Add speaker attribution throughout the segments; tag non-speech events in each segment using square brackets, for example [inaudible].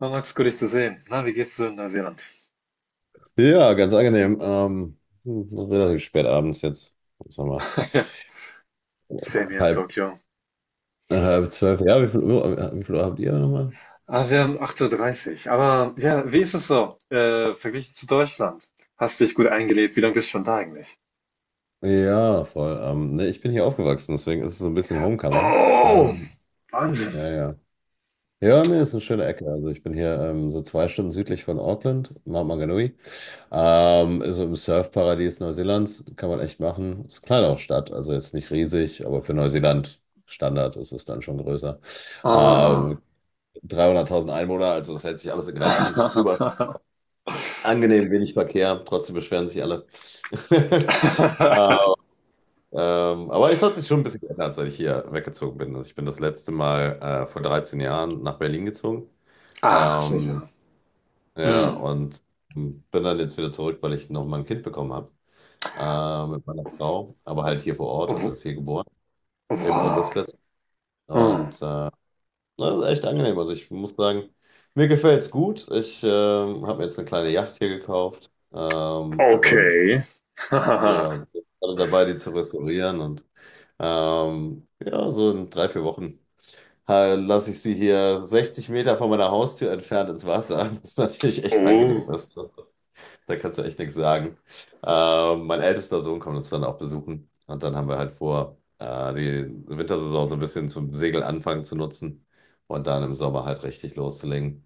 Speaker 1: Ah, Max, gut, dich zu sehen. Na, wie geht's dir in Neuseeland?
Speaker 2: Ja, ganz angenehm. Relativ spät abends jetzt. Jetzt haben wir
Speaker 1: [laughs] Ja, same hier in
Speaker 2: halb,
Speaker 1: Tokio.
Speaker 2: halb zwölf. Ja, wie viel Uhr habt ihr nochmal?
Speaker 1: Ah, wir haben 8.30 Uhr. Dreißig. Aber ja, wie ist es so, verglichen zu Deutschland? Hast dich gut eingelebt? Wie lange bist du schon da eigentlich?
Speaker 2: Ja, voll. Ne, ich bin hier aufgewachsen, deswegen ist es so ein bisschen Homecoming.
Speaker 1: Oh,
Speaker 2: Ähm,
Speaker 1: Wahnsinn.
Speaker 2: ja, ja. Ja, ne, ist eine schöne Ecke. Also ich bin hier so 2 Stunden südlich von Auckland, Mount Maunganui. Ist so im Surfparadies Neuseelands. Kann man echt machen. Ist eine kleine Stadt, also jetzt nicht riesig, aber für Neuseeland Standard ist es dann schon größer.
Speaker 1: Ah.
Speaker 2: Ähm, 300.000 Einwohner, also das hält sich alles in Grenzen. Über
Speaker 1: Ah.
Speaker 2: angenehm wenig Verkehr, trotzdem beschweren sich alle. [laughs]
Speaker 1: [laughs]
Speaker 2: Ah, aber es hat sich schon ein bisschen geändert, seit ich hier weggezogen bin. Also ich bin das letzte Mal vor 13 Jahren nach Berlin gezogen.
Speaker 1: Ach,
Speaker 2: Ähm,
Speaker 1: sicher.
Speaker 2: ja,
Speaker 1: Mm.
Speaker 2: und bin dann jetzt wieder zurück, weil ich noch mal ein Kind bekommen habe mit meiner Frau, aber halt hier vor Ort, also
Speaker 1: Oh,
Speaker 2: ist hier geboren, im
Speaker 1: wow.
Speaker 2: August letzten.
Speaker 1: Mm.
Speaker 2: Und äh, Ne, das ist echt angenehm. Also ich muss sagen, mir gefällt es gut. Ich habe mir jetzt eine kleine Yacht hier gekauft, und
Speaker 1: Okay. [laughs]
Speaker 2: ja, bin gerade dabei, die zu restaurieren. Und ja, so in 3, 4 Wochen lasse ich sie hier 60 Meter von meiner Haustür entfernt ins Wasser, [laughs] was natürlich echt angenehm
Speaker 1: Oh.
Speaker 2: ist. Da kannst du echt nichts sagen. Mein ältester Sohn kommt uns dann auch besuchen. Und dann haben wir halt vor, die Wintersaison so ein bisschen zum Segelanfang zu nutzen und dann im Sommer halt richtig loszulegen.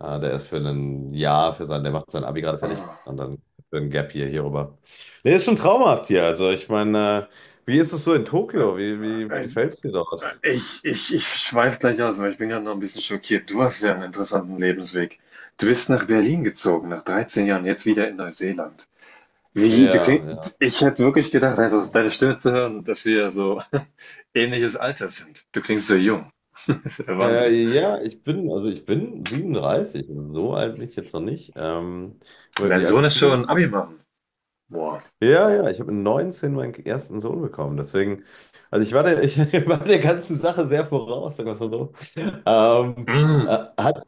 Speaker 2: Der ist für ein Jahr, der macht sein Abi gerade fertig
Speaker 1: Oh,
Speaker 2: und dann für ein Gap hier, hier rüber. Nee, ist schon traumhaft hier. Also, ich meine, wie ist es so in
Speaker 1: äh,
Speaker 2: Tokio? Wie
Speaker 1: äh,
Speaker 2: gefällt es dir dort?
Speaker 1: ich schweife gleich aus, weil ich bin gerade noch ein bisschen schockiert. Du hast ja einen interessanten Lebensweg. Du bist nach Berlin gezogen, nach 13 Jahren, jetzt wieder in Neuseeland. Wie, du
Speaker 2: Ja,
Speaker 1: kling,
Speaker 2: ja.
Speaker 1: ich hätte wirklich gedacht, einfach deine Stimme zu hören, dass wir so [laughs] ähnliches Alter sind. Du klingst so jung. [laughs] Das ist der Wahnsinn.
Speaker 2: Ja, ich bin 37. So alt bin ich jetzt noch nicht.
Speaker 1: Und
Speaker 2: Aber
Speaker 1: dein
Speaker 2: wie alt
Speaker 1: Sohn
Speaker 2: bist
Speaker 1: ist
Speaker 2: du?
Speaker 1: schon Abi machen. Boah.
Speaker 2: Ja, ja, ich habe mit 19 meinen ersten Sohn bekommen. Deswegen, also ich war ich [laughs] war der ganzen Sache sehr voraus, sagen wir es mal so. Ähm,
Speaker 1: Mm.
Speaker 2: hat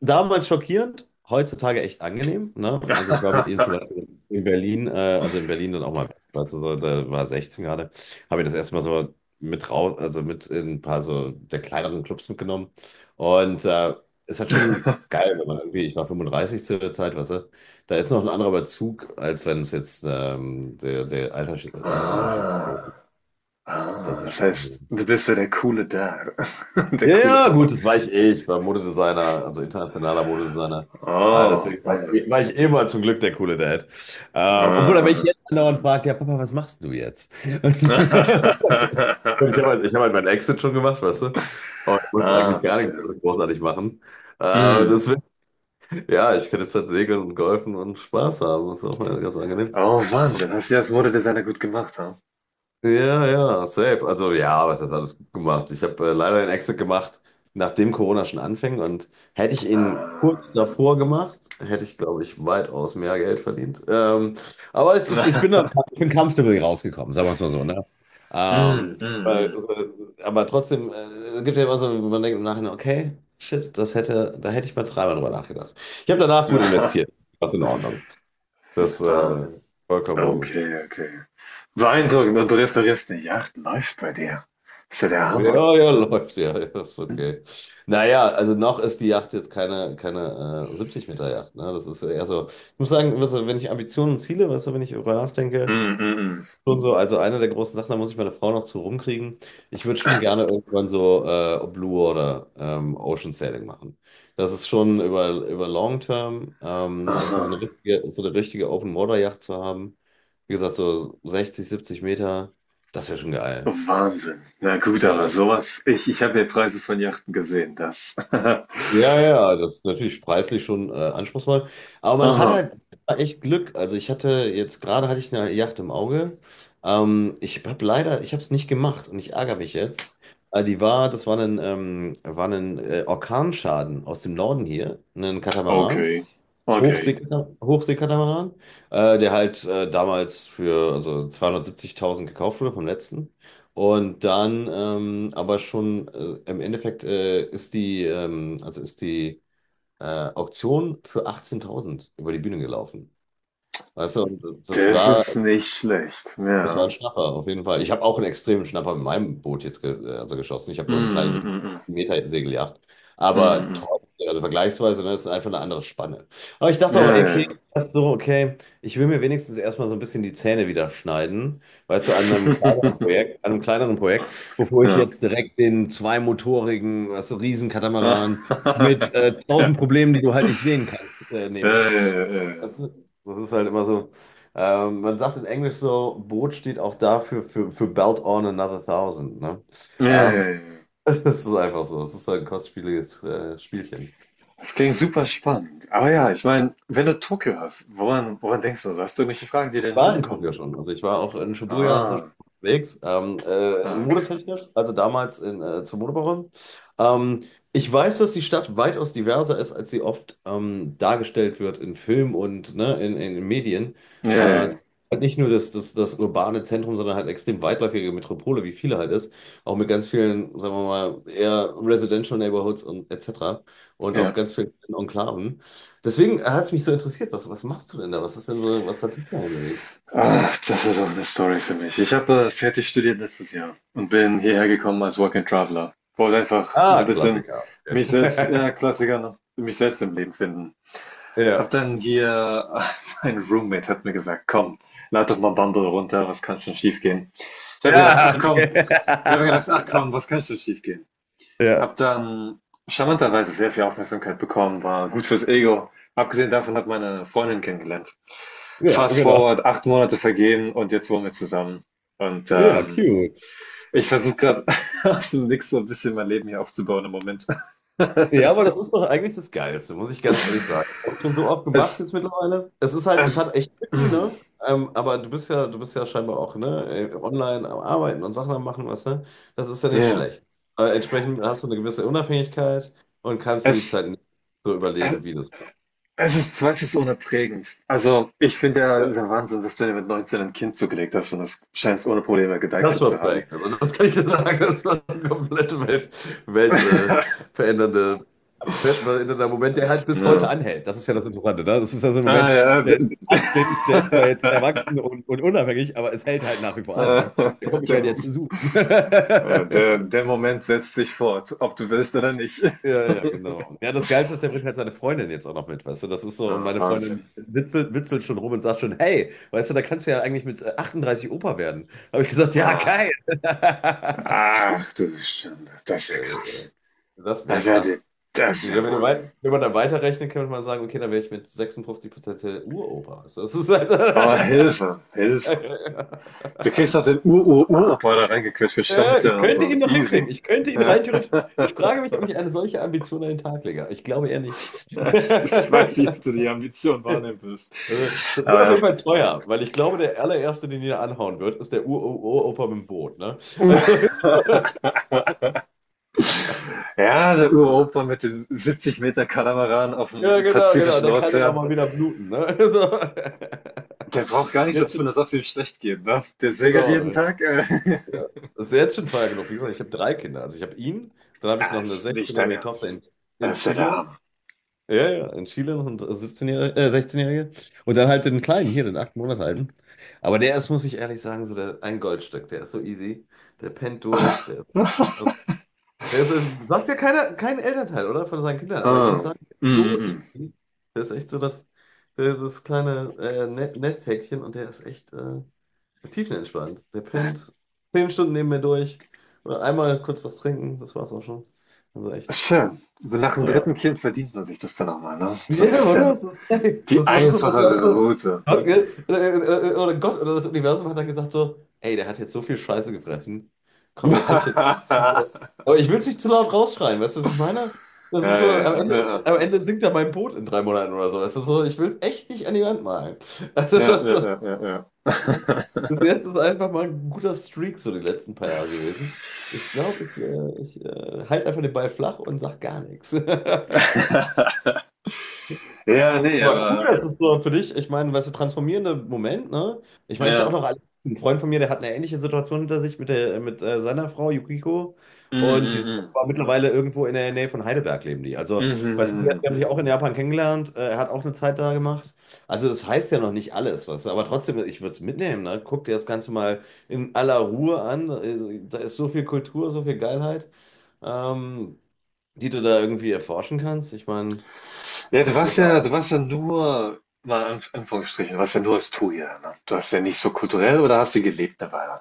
Speaker 2: Damals schockierend, heutzutage echt angenehm. Ne? Also ich war mit ihm zum Beispiel in Berlin dann auch mal, weißt du, so, da war 16 gerade, habe ich das erste Mal so mit raus, also mit in ein paar so der kleineren Clubs mitgenommen. Und äh, es hat schon
Speaker 1: [laughs]
Speaker 2: geil, wenn man irgendwie, ich war 35 zu der Zeit, weißt du, da ist noch ein anderer Bezug, als wenn es jetzt Altersunterschied ist.
Speaker 1: Ah,
Speaker 2: Das
Speaker 1: ah,
Speaker 2: ist
Speaker 1: das
Speaker 2: schon
Speaker 1: heißt,
Speaker 2: angenehm.
Speaker 1: du bist so der coole Dad, [laughs] der
Speaker 2: Ja,
Speaker 1: coole
Speaker 2: ja,
Speaker 1: Papa.
Speaker 2: gut, das war ich eh. Ich war Modedesigner, also internationaler Modedesigner. Ah,
Speaker 1: Oh,
Speaker 2: deswegen
Speaker 1: Wahnsinn.
Speaker 2: war ich eh mal zum Glück der coole Dad. Obwohl er mich
Speaker 1: Ah.
Speaker 2: jetzt andauernd fragt: ja, Papa, was machst du jetzt? [laughs] Und ich habe
Speaker 1: [laughs]
Speaker 2: halt, ich hab halt meinen Exit schon gemacht, weißt du? Und ich muss
Speaker 1: Ah,
Speaker 2: eigentlich gar nichts
Speaker 1: verstehe.
Speaker 2: großartig machen.
Speaker 1: Mhm.
Speaker 2: Deswegen, ja, ich kann jetzt halt segeln und golfen und Spaß haben. Das ist auch ganz angenehm.
Speaker 1: Oh, Wahnsinn. Hast du das Modedesigner gut gemacht, ja?
Speaker 2: Ja, ja, safe. Also ja, was hast alles gut gemacht? Ich habe leider den Exit gemacht, nachdem Corona schon anfing und hätte ich ihn
Speaker 1: Ah.
Speaker 2: kurz davor gemacht, hätte ich, glaube ich, weitaus mehr Geld verdient. Aber es ist, ich bin da,
Speaker 1: [laughs]
Speaker 2: ich bin kampfstümmelig rausgekommen, sagen wir es mal so, ne?
Speaker 1: Mhm,
Speaker 2: Ähm, weil,
Speaker 1: mhm,
Speaker 2: aber trotzdem, es gibt ja immer so, wo man denkt im Nachhinein, okay, shit, da hätte ich mal dreimal drüber nachgedacht. Ich habe danach gut
Speaker 1: mhm. [laughs]
Speaker 2: investiert. Das ist in Ordnung. Das
Speaker 1: Ah,
Speaker 2: vollkommen gut.
Speaker 1: okay, okay. Beeindruckend. Und du restaurierst eine Yacht. Läuft bei dir. Ist ja der
Speaker 2: Ja,
Speaker 1: Hammer.
Speaker 2: ja, läuft, ja, ja, ist okay. Naja, also noch ist die Yacht jetzt keine 70-Meter-Yacht, ne? Das ist ja eher so, ich muss sagen, weißt du, wenn ich Ambitionen und Ziele, weißt du, wenn ich darüber nachdenke,
Speaker 1: Mhm, mhm.
Speaker 2: schon so, also eine der großen Sachen, da muss ich meine Frau noch zu rumkriegen. Ich würde schon gerne irgendwann so Blue oder Ocean Sailing machen. Das ist schon über Long Term, was ist
Speaker 1: Aha.
Speaker 2: so eine richtige Open-Water-Yacht zu haben. Wie gesagt, so 60, 70 Meter, das wäre schon geil.
Speaker 1: Wahnsinn. Na gut, aber
Speaker 2: Ja,
Speaker 1: sowas, ich habe ja Preise von Yachten gesehen, das. [laughs]
Speaker 2: ja, ja, das ist natürlich preislich schon anspruchsvoll. Aber man hat
Speaker 1: Aha.
Speaker 2: halt echt Glück. Also ich hatte jetzt gerade hatte ich eine Yacht im Auge. Ich habe es nicht gemacht und ich ärgere mich jetzt. Das war ein Orkanschaden aus dem Norden hier, ein Katamaran.
Speaker 1: Okay. Okay.
Speaker 2: Hochseekatamaran, der halt damals für also 270.000 gekauft wurde vom letzten. Und dann aber schon im Endeffekt ist die, also ist die Auktion für 18.000 über die Bühne gelaufen. Weißt du, und das
Speaker 1: Das
Speaker 2: war
Speaker 1: ist nicht schlecht,
Speaker 2: das war
Speaker 1: ja.
Speaker 2: ein Schnapper, auf jeden Fall. Ich habe auch einen extremen Schnapper mit meinem Boot jetzt ge also geschossen. Ich habe
Speaker 1: Mm,
Speaker 2: nur eine kleine Se
Speaker 1: mm, mm, mm.
Speaker 2: Meter Segeljacht. Aber
Speaker 1: Mhm.
Speaker 2: trotzdem, also vergleichsweise, ne, das ist einfach eine andere Spanne. Aber ich dachte auch,
Speaker 1: Ja, ja,
Speaker 2: okay,
Speaker 1: ja.
Speaker 2: das so, okay, ich will mir wenigstens erstmal so ein bisschen die Zähne wieder schneiden, weißt du,
Speaker 1: [laughs]
Speaker 2: An einem kleineren Projekt, bevor ich
Speaker 1: Ja.
Speaker 2: jetzt direkt den zweimotorigen, weißt du, Riesenkatamaran mit
Speaker 1: [laughs] Ja.
Speaker 2: tausend Problemen, die du halt nicht sehen kannst,
Speaker 1: Ja,
Speaker 2: nehme.
Speaker 1: ja, ja, ja,
Speaker 2: Das
Speaker 1: ja.
Speaker 2: ist, das ist halt immer so. Man sagt in Englisch so: Boot steht auch dafür, für Belt on another thousand, ne?
Speaker 1: Ja,
Speaker 2: Ähm,
Speaker 1: ja, ja.
Speaker 2: [laughs] Das ist einfach so. Das ist halt ein kostspieliges Spielchen.
Speaker 1: Das klingt super spannend. Aber ja, ich meine, wenn du Tokio hast, woran denkst du so? Hast du irgendwelche Fragen, die
Speaker 2: Ich
Speaker 1: dir in den
Speaker 2: war
Speaker 1: Sinn
Speaker 2: in
Speaker 1: kommen?
Speaker 2: Tokio schon. Also ich war auch in Shibuya und so schon
Speaker 1: Ah,
Speaker 2: unterwegs,
Speaker 1: ah, okay.
Speaker 2: modetechnisch, also damals zur Modewoche. Ähm, Ich weiß, dass die Stadt weitaus diverser ist, als sie oft dargestellt wird in Film und, ne, in den Medien.
Speaker 1: Ja, ja,
Speaker 2: Äh,
Speaker 1: ja.
Speaker 2: halt nicht nur das urbane Zentrum, sondern halt extrem weitläufige Metropole, wie viele halt ist. Auch mit ganz vielen, sagen wir mal, eher Residential Neighborhoods und etc. Und auch
Speaker 1: Ja.
Speaker 2: ganz vielen Enklaven. Deswegen hat es mich so interessiert, was machst du denn da? Was ist denn so, was hat dich da bewegt?
Speaker 1: Ach, das ist auch eine Story für mich. Ich habe fertig studiert letztes Jahr und bin hierher gekommen als Work and Traveler. Wollte einfach so ein
Speaker 2: Ah,
Speaker 1: bisschen
Speaker 2: Klassiker.
Speaker 1: mich selbst,
Speaker 2: Okay.
Speaker 1: ja,
Speaker 2: [laughs]
Speaker 1: Klassiker, ne? Mich selbst im Leben finden. Hab
Speaker 2: Ja.
Speaker 1: dann hier, [laughs] mein Roommate hat mir gesagt, komm, lad doch mal Bumble runter, was kann schon schiefgehen? Ich habe gedacht,
Speaker 2: Ja,
Speaker 1: ach komm,
Speaker 2: okay.
Speaker 1: Ich habe gedacht, ach
Speaker 2: [laughs]
Speaker 1: komm, was kann schon schiefgehen?
Speaker 2: Ja,
Speaker 1: Hab dann charmanterweise sehr viel Aufmerksamkeit bekommen, war gut fürs Ego. Abgesehen davon hat meine Freundin kennengelernt.
Speaker 2: ja,
Speaker 1: Fast
Speaker 2: genau.
Speaker 1: forward, 8 Monate vergehen und jetzt wohnen wir zusammen. Und
Speaker 2: Ja, cute.
Speaker 1: ich versuche gerade [laughs] aus dem Nix so ein bisschen mein Leben hier aufzubauen im Moment.
Speaker 2: Ja,
Speaker 1: [laughs]
Speaker 2: aber das ist doch eigentlich das Geilste, muss ich ganz ehrlich sagen. Ich habe schon so oft gemacht
Speaker 1: es,
Speaker 2: jetzt mittlerweile. Es ist halt, es hat
Speaker 1: es,
Speaker 2: echt
Speaker 1: [clears throat]
Speaker 2: Lücken,
Speaker 1: mm,
Speaker 2: ne? Aber du bist ja scheinbar auch, ne, online am Arbeiten und Sachen am Machen, weißt du? Das ist ja nicht
Speaker 1: ja,
Speaker 2: schlecht. Aber entsprechend hast du eine gewisse Unabhängigkeit und kannst dir die Zeit so
Speaker 1: es,
Speaker 2: überlegen, wie du es machst.
Speaker 1: es ist zweifelsohne prägend. Also, ich finde ja, es ist
Speaker 2: Ja.
Speaker 1: ja Wahnsinn, dass du dir mit 19 ein Kind zugelegt hast und das scheinst ohne Probleme
Speaker 2: Das
Speaker 1: gedeichselt
Speaker 2: war
Speaker 1: zu haben.
Speaker 2: Prank. Also das kann ich dir sagen, das war eine komplette Welt äh,
Speaker 1: [laughs]
Speaker 2: verändernde, weltverändernder Moment, der halt bis heute
Speaker 1: Ja.
Speaker 2: anhält. Das ist ja das Interessante, ne? Das ist ja so ein
Speaker 1: Ah,
Speaker 2: Moment,
Speaker 1: ja.
Speaker 2: der ist 18, der ist zwar jetzt
Speaker 1: [laughs]
Speaker 2: erwachsen und unabhängig, aber es hält halt nach wie vor an, ne? Der kommt mich
Speaker 1: Der,
Speaker 2: halt
Speaker 1: Mo-
Speaker 2: jetzt besuchen. [laughs]
Speaker 1: der Moment setzt sich fort, ob du willst oder nicht.
Speaker 2: Ja, ja, genau. Ja, das Geilste ist, der bringt halt seine Freundin jetzt auch noch mit, weißt du? Das ist so, und
Speaker 1: Ah,
Speaker 2: meine
Speaker 1: Wahnsinn.
Speaker 2: Freundin witzelt schon rum und sagt schon: hey, weißt du, da kannst du ja eigentlich mit 38 Opa werden. Habe ich gesagt, ja,
Speaker 1: Ach,
Speaker 2: geil. [laughs]
Speaker 1: ach du Schande, das ist
Speaker 2: Ja,
Speaker 1: ja
Speaker 2: ja, ja.
Speaker 1: krass.
Speaker 2: Das
Speaker 1: Das
Speaker 2: wäre
Speaker 1: ist ja, der-
Speaker 2: krass.
Speaker 1: Das ist
Speaker 2: Ja,
Speaker 1: ja
Speaker 2: Wenn, du wei-
Speaker 1: Wahnsinn.
Speaker 2: wenn man dann weiterrechnet, kann man mal sagen, okay, dann wäre ich mit 56% der Uropa. Also das ist halt.
Speaker 1: Aber Hilfe, Hilfe. Du kriegst
Speaker 2: [laughs]
Speaker 1: doch den Ur-Ur-Uropa da reingequetscht für
Speaker 2: Ja, ich
Speaker 1: Stammzellen und
Speaker 2: könnte
Speaker 1: so.
Speaker 2: ihn noch
Speaker 1: Easy.
Speaker 2: hinkriegen. Ich könnte ihn rein
Speaker 1: [laughs]
Speaker 2: theoretisch. Ich frage mich, ob ich eine solche Ambition an den Tag lege. Ich glaube eher nicht.
Speaker 1: [laughs] Ja, ich weiß nicht, ob du
Speaker 2: [laughs]
Speaker 1: die Ambition wahrnehmen wirst.
Speaker 2: Also, das wird
Speaker 1: Aber
Speaker 2: auf jeden
Speaker 1: ja.
Speaker 2: Fall teuer, weil ich glaube, der allererste, den jeder anhauen wird, ist der Ur-Opa mit dem Boot. Ne? Also, [laughs]
Speaker 1: [laughs] Ja, der Uropa mit dem 70 Meter Katamaran auf
Speaker 2: ja,
Speaker 1: dem
Speaker 2: genau, genau.
Speaker 1: Pazifischen
Speaker 2: Der kann dann auch
Speaker 1: Ozean,
Speaker 2: mal wieder bluten. Ne? [laughs] So.
Speaker 1: der braucht gar nicht so
Speaker 2: Jetzt
Speaker 1: tun,
Speaker 2: schon,
Speaker 1: als ob es ihm schlecht geht, ne? Der segelt
Speaker 2: genau.
Speaker 1: jeden
Speaker 2: Ja.
Speaker 1: Tag.
Speaker 2: Ja. Das ist jetzt schon teuer genug. Wie gesagt, ich habe drei Kinder. Also ich habe ihn, dann
Speaker 1: [laughs]
Speaker 2: habe ich
Speaker 1: Ah,
Speaker 2: noch eine
Speaker 1: ist nicht dein
Speaker 2: 16-jährige Tochter
Speaker 1: Ernst.
Speaker 2: in
Speaker 1: Das ist ja der
Speaker 2: Chile.
Speaker 1: Hammer.
Speaker 2: Ja, ja, in Chile noch eine 16-jährige. Und dann halt den kleinen hier, den 8 Monate alten. Aber der ist, muss ich ehrlich sagen, so der, ein Goldstück. Der ist so easy. Der pennt durch. Der,
Speaker 1: [laughs]
Speaker 2: das ist, sagt ja keiner, kein Elternteil, oder? Von seinen Kindern. Aber ich
Speaker 1: Ah,
Speaker 2: muss sagen,
Speaker 1: mm, mm,
Speaker 2: so
Speaker 1: mm.
Speaker 2: easy. Der ist echt so das kleine Nesthäkchen und der ist echt tiefenentspannt. Der pennt 10 Stunden neben mir durch. Oder einmal kurz was trinken, das war's auch schon. Also echt.
Speaker 1: Schön. So, nach dem
Speaker 2: Ja.
Speaker 1: dritten Kind verdient man sich das dann auch mal, ne? So ein
Speaker 2: Ja, oder?
Speaker 1: bisschen
Speaker 2: Das ist safe.
Speaker 1: die
Speaker 2: Das war so, das war so.
Speaker 1: einfachere
Speaker 2: Gott.
Speaker 1: Route.
Speaker 2: Okay. Oder Gott oder das Universum hat dann gesagt so: ey, der hat jetzt so viel Scheiße gefressen. Komm, der kriegt jetzt.
Speaker 1: [laughs]
Speaker 2: Aber ich will es nicht zu laut rausschreien, weißt du, was ich meine? Das
Speaker 1: Ja,
Speaker 2: ist so,
Speaker 1: ja, ja. Ja.
Speaker 2: Am Ende sinkt er mein Boot in 3 Monaten oder so. Es ist so, ich will es echt nicht an die Wand malen. Also,
Speaker 1: Ja,
Speaker 2: [laughs]
Speaker 1: ja,
Speaker 2: so,
Speaker 1: ja, ja, ja.
Speaker 2: bis jetzt ist einfach mal ein guter Streak so die letzten paar Jahre gewesen. Ich glaube,
Speaker 1: [laughs]
Speaker 2: ich halte einfach den Ball flach und sag gar nichts. [laughs]
Speaker 1: Ja, ne,
Speaker 2: Aber cool,
Speaker 1: aber
Speaker 2: das ist so für dich, ich meine, weißt du, transformierende Moment, ne? Ich meine, es ist ja auch
Speaker 1: ja.
Speaker 2: noch alles. Ein Freund von mir, der hat eine ähnliche Situation hinter sich mit seiner Frau Yukiko.
Speaker 1: Mhm,
Speaker 2: Und die
Speaker 1: mhm,
Speaker 2: sind
Speaker 1: mhm.
Speaker 2: aber mittlerweile irgendwo in der Nähe von Heidelberg leben die.
Speaker 1: Mhm,
Speaker 2: Also,
Speaker 1: mhm,
Speaker 2: weißt du, die
Speaker 1: mhm. Mhm.
Speaker 2: haben sich auch in Japan kennengelernt. Er hat auch eine Zeit da gemacht. Also, das heißt ja noch nicht alles, weißt du. Aber trotzdem, ich würde es mitnehmen, ne? Guck dir das Ganze mal in aller Ruhe an. Da ist so viel Kultur, so viel Geilheit, ähm, die du da irgendwie erforschen kannst. Ich meine,
Speaker 1: Ja,
Speaker 2: Glück
Speaker 1: du
Speaker 2: auf.
Speaker 1: warst ja nur, mal in Anführungsstrichen, du warst ja nur Astoria, ne? Du hast ja nicht so kulturell oder hast du gelebt eine Weile?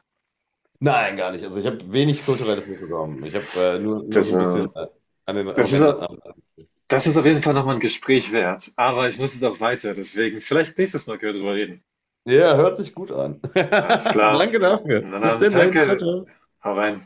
Speaker 2: Nein, gar nicht. Also ich habe wenig kulturelles mitbekommen. Ich habe nur
Speaker 1: Das,
Speaker 2: so ein
Speaker 1: äh,
Speaker 2: bisschen am
Speaker 1: das ist,
Speaker 2: Rande.
Speaker 1: au- Das ist auf jeden Fall nochmal ein Gespräch wert. Aber ich muss jetzt auch weiter, deswegen vielleicht nächstes Mal können wir drüber reden.
Speaker 2: Ja, hört sich gut an. [laughs]
Speaker 1: Alles klar.
Speaker 2: Danke dafür.
Speaker 1: Na
Speaker 2: Bis
Speaker 1: dann,
Speaker 2: denn dann. Ciao,
Speaker 1: danke.
Speaker 2: ciao.
Speaker 1: Hau rein.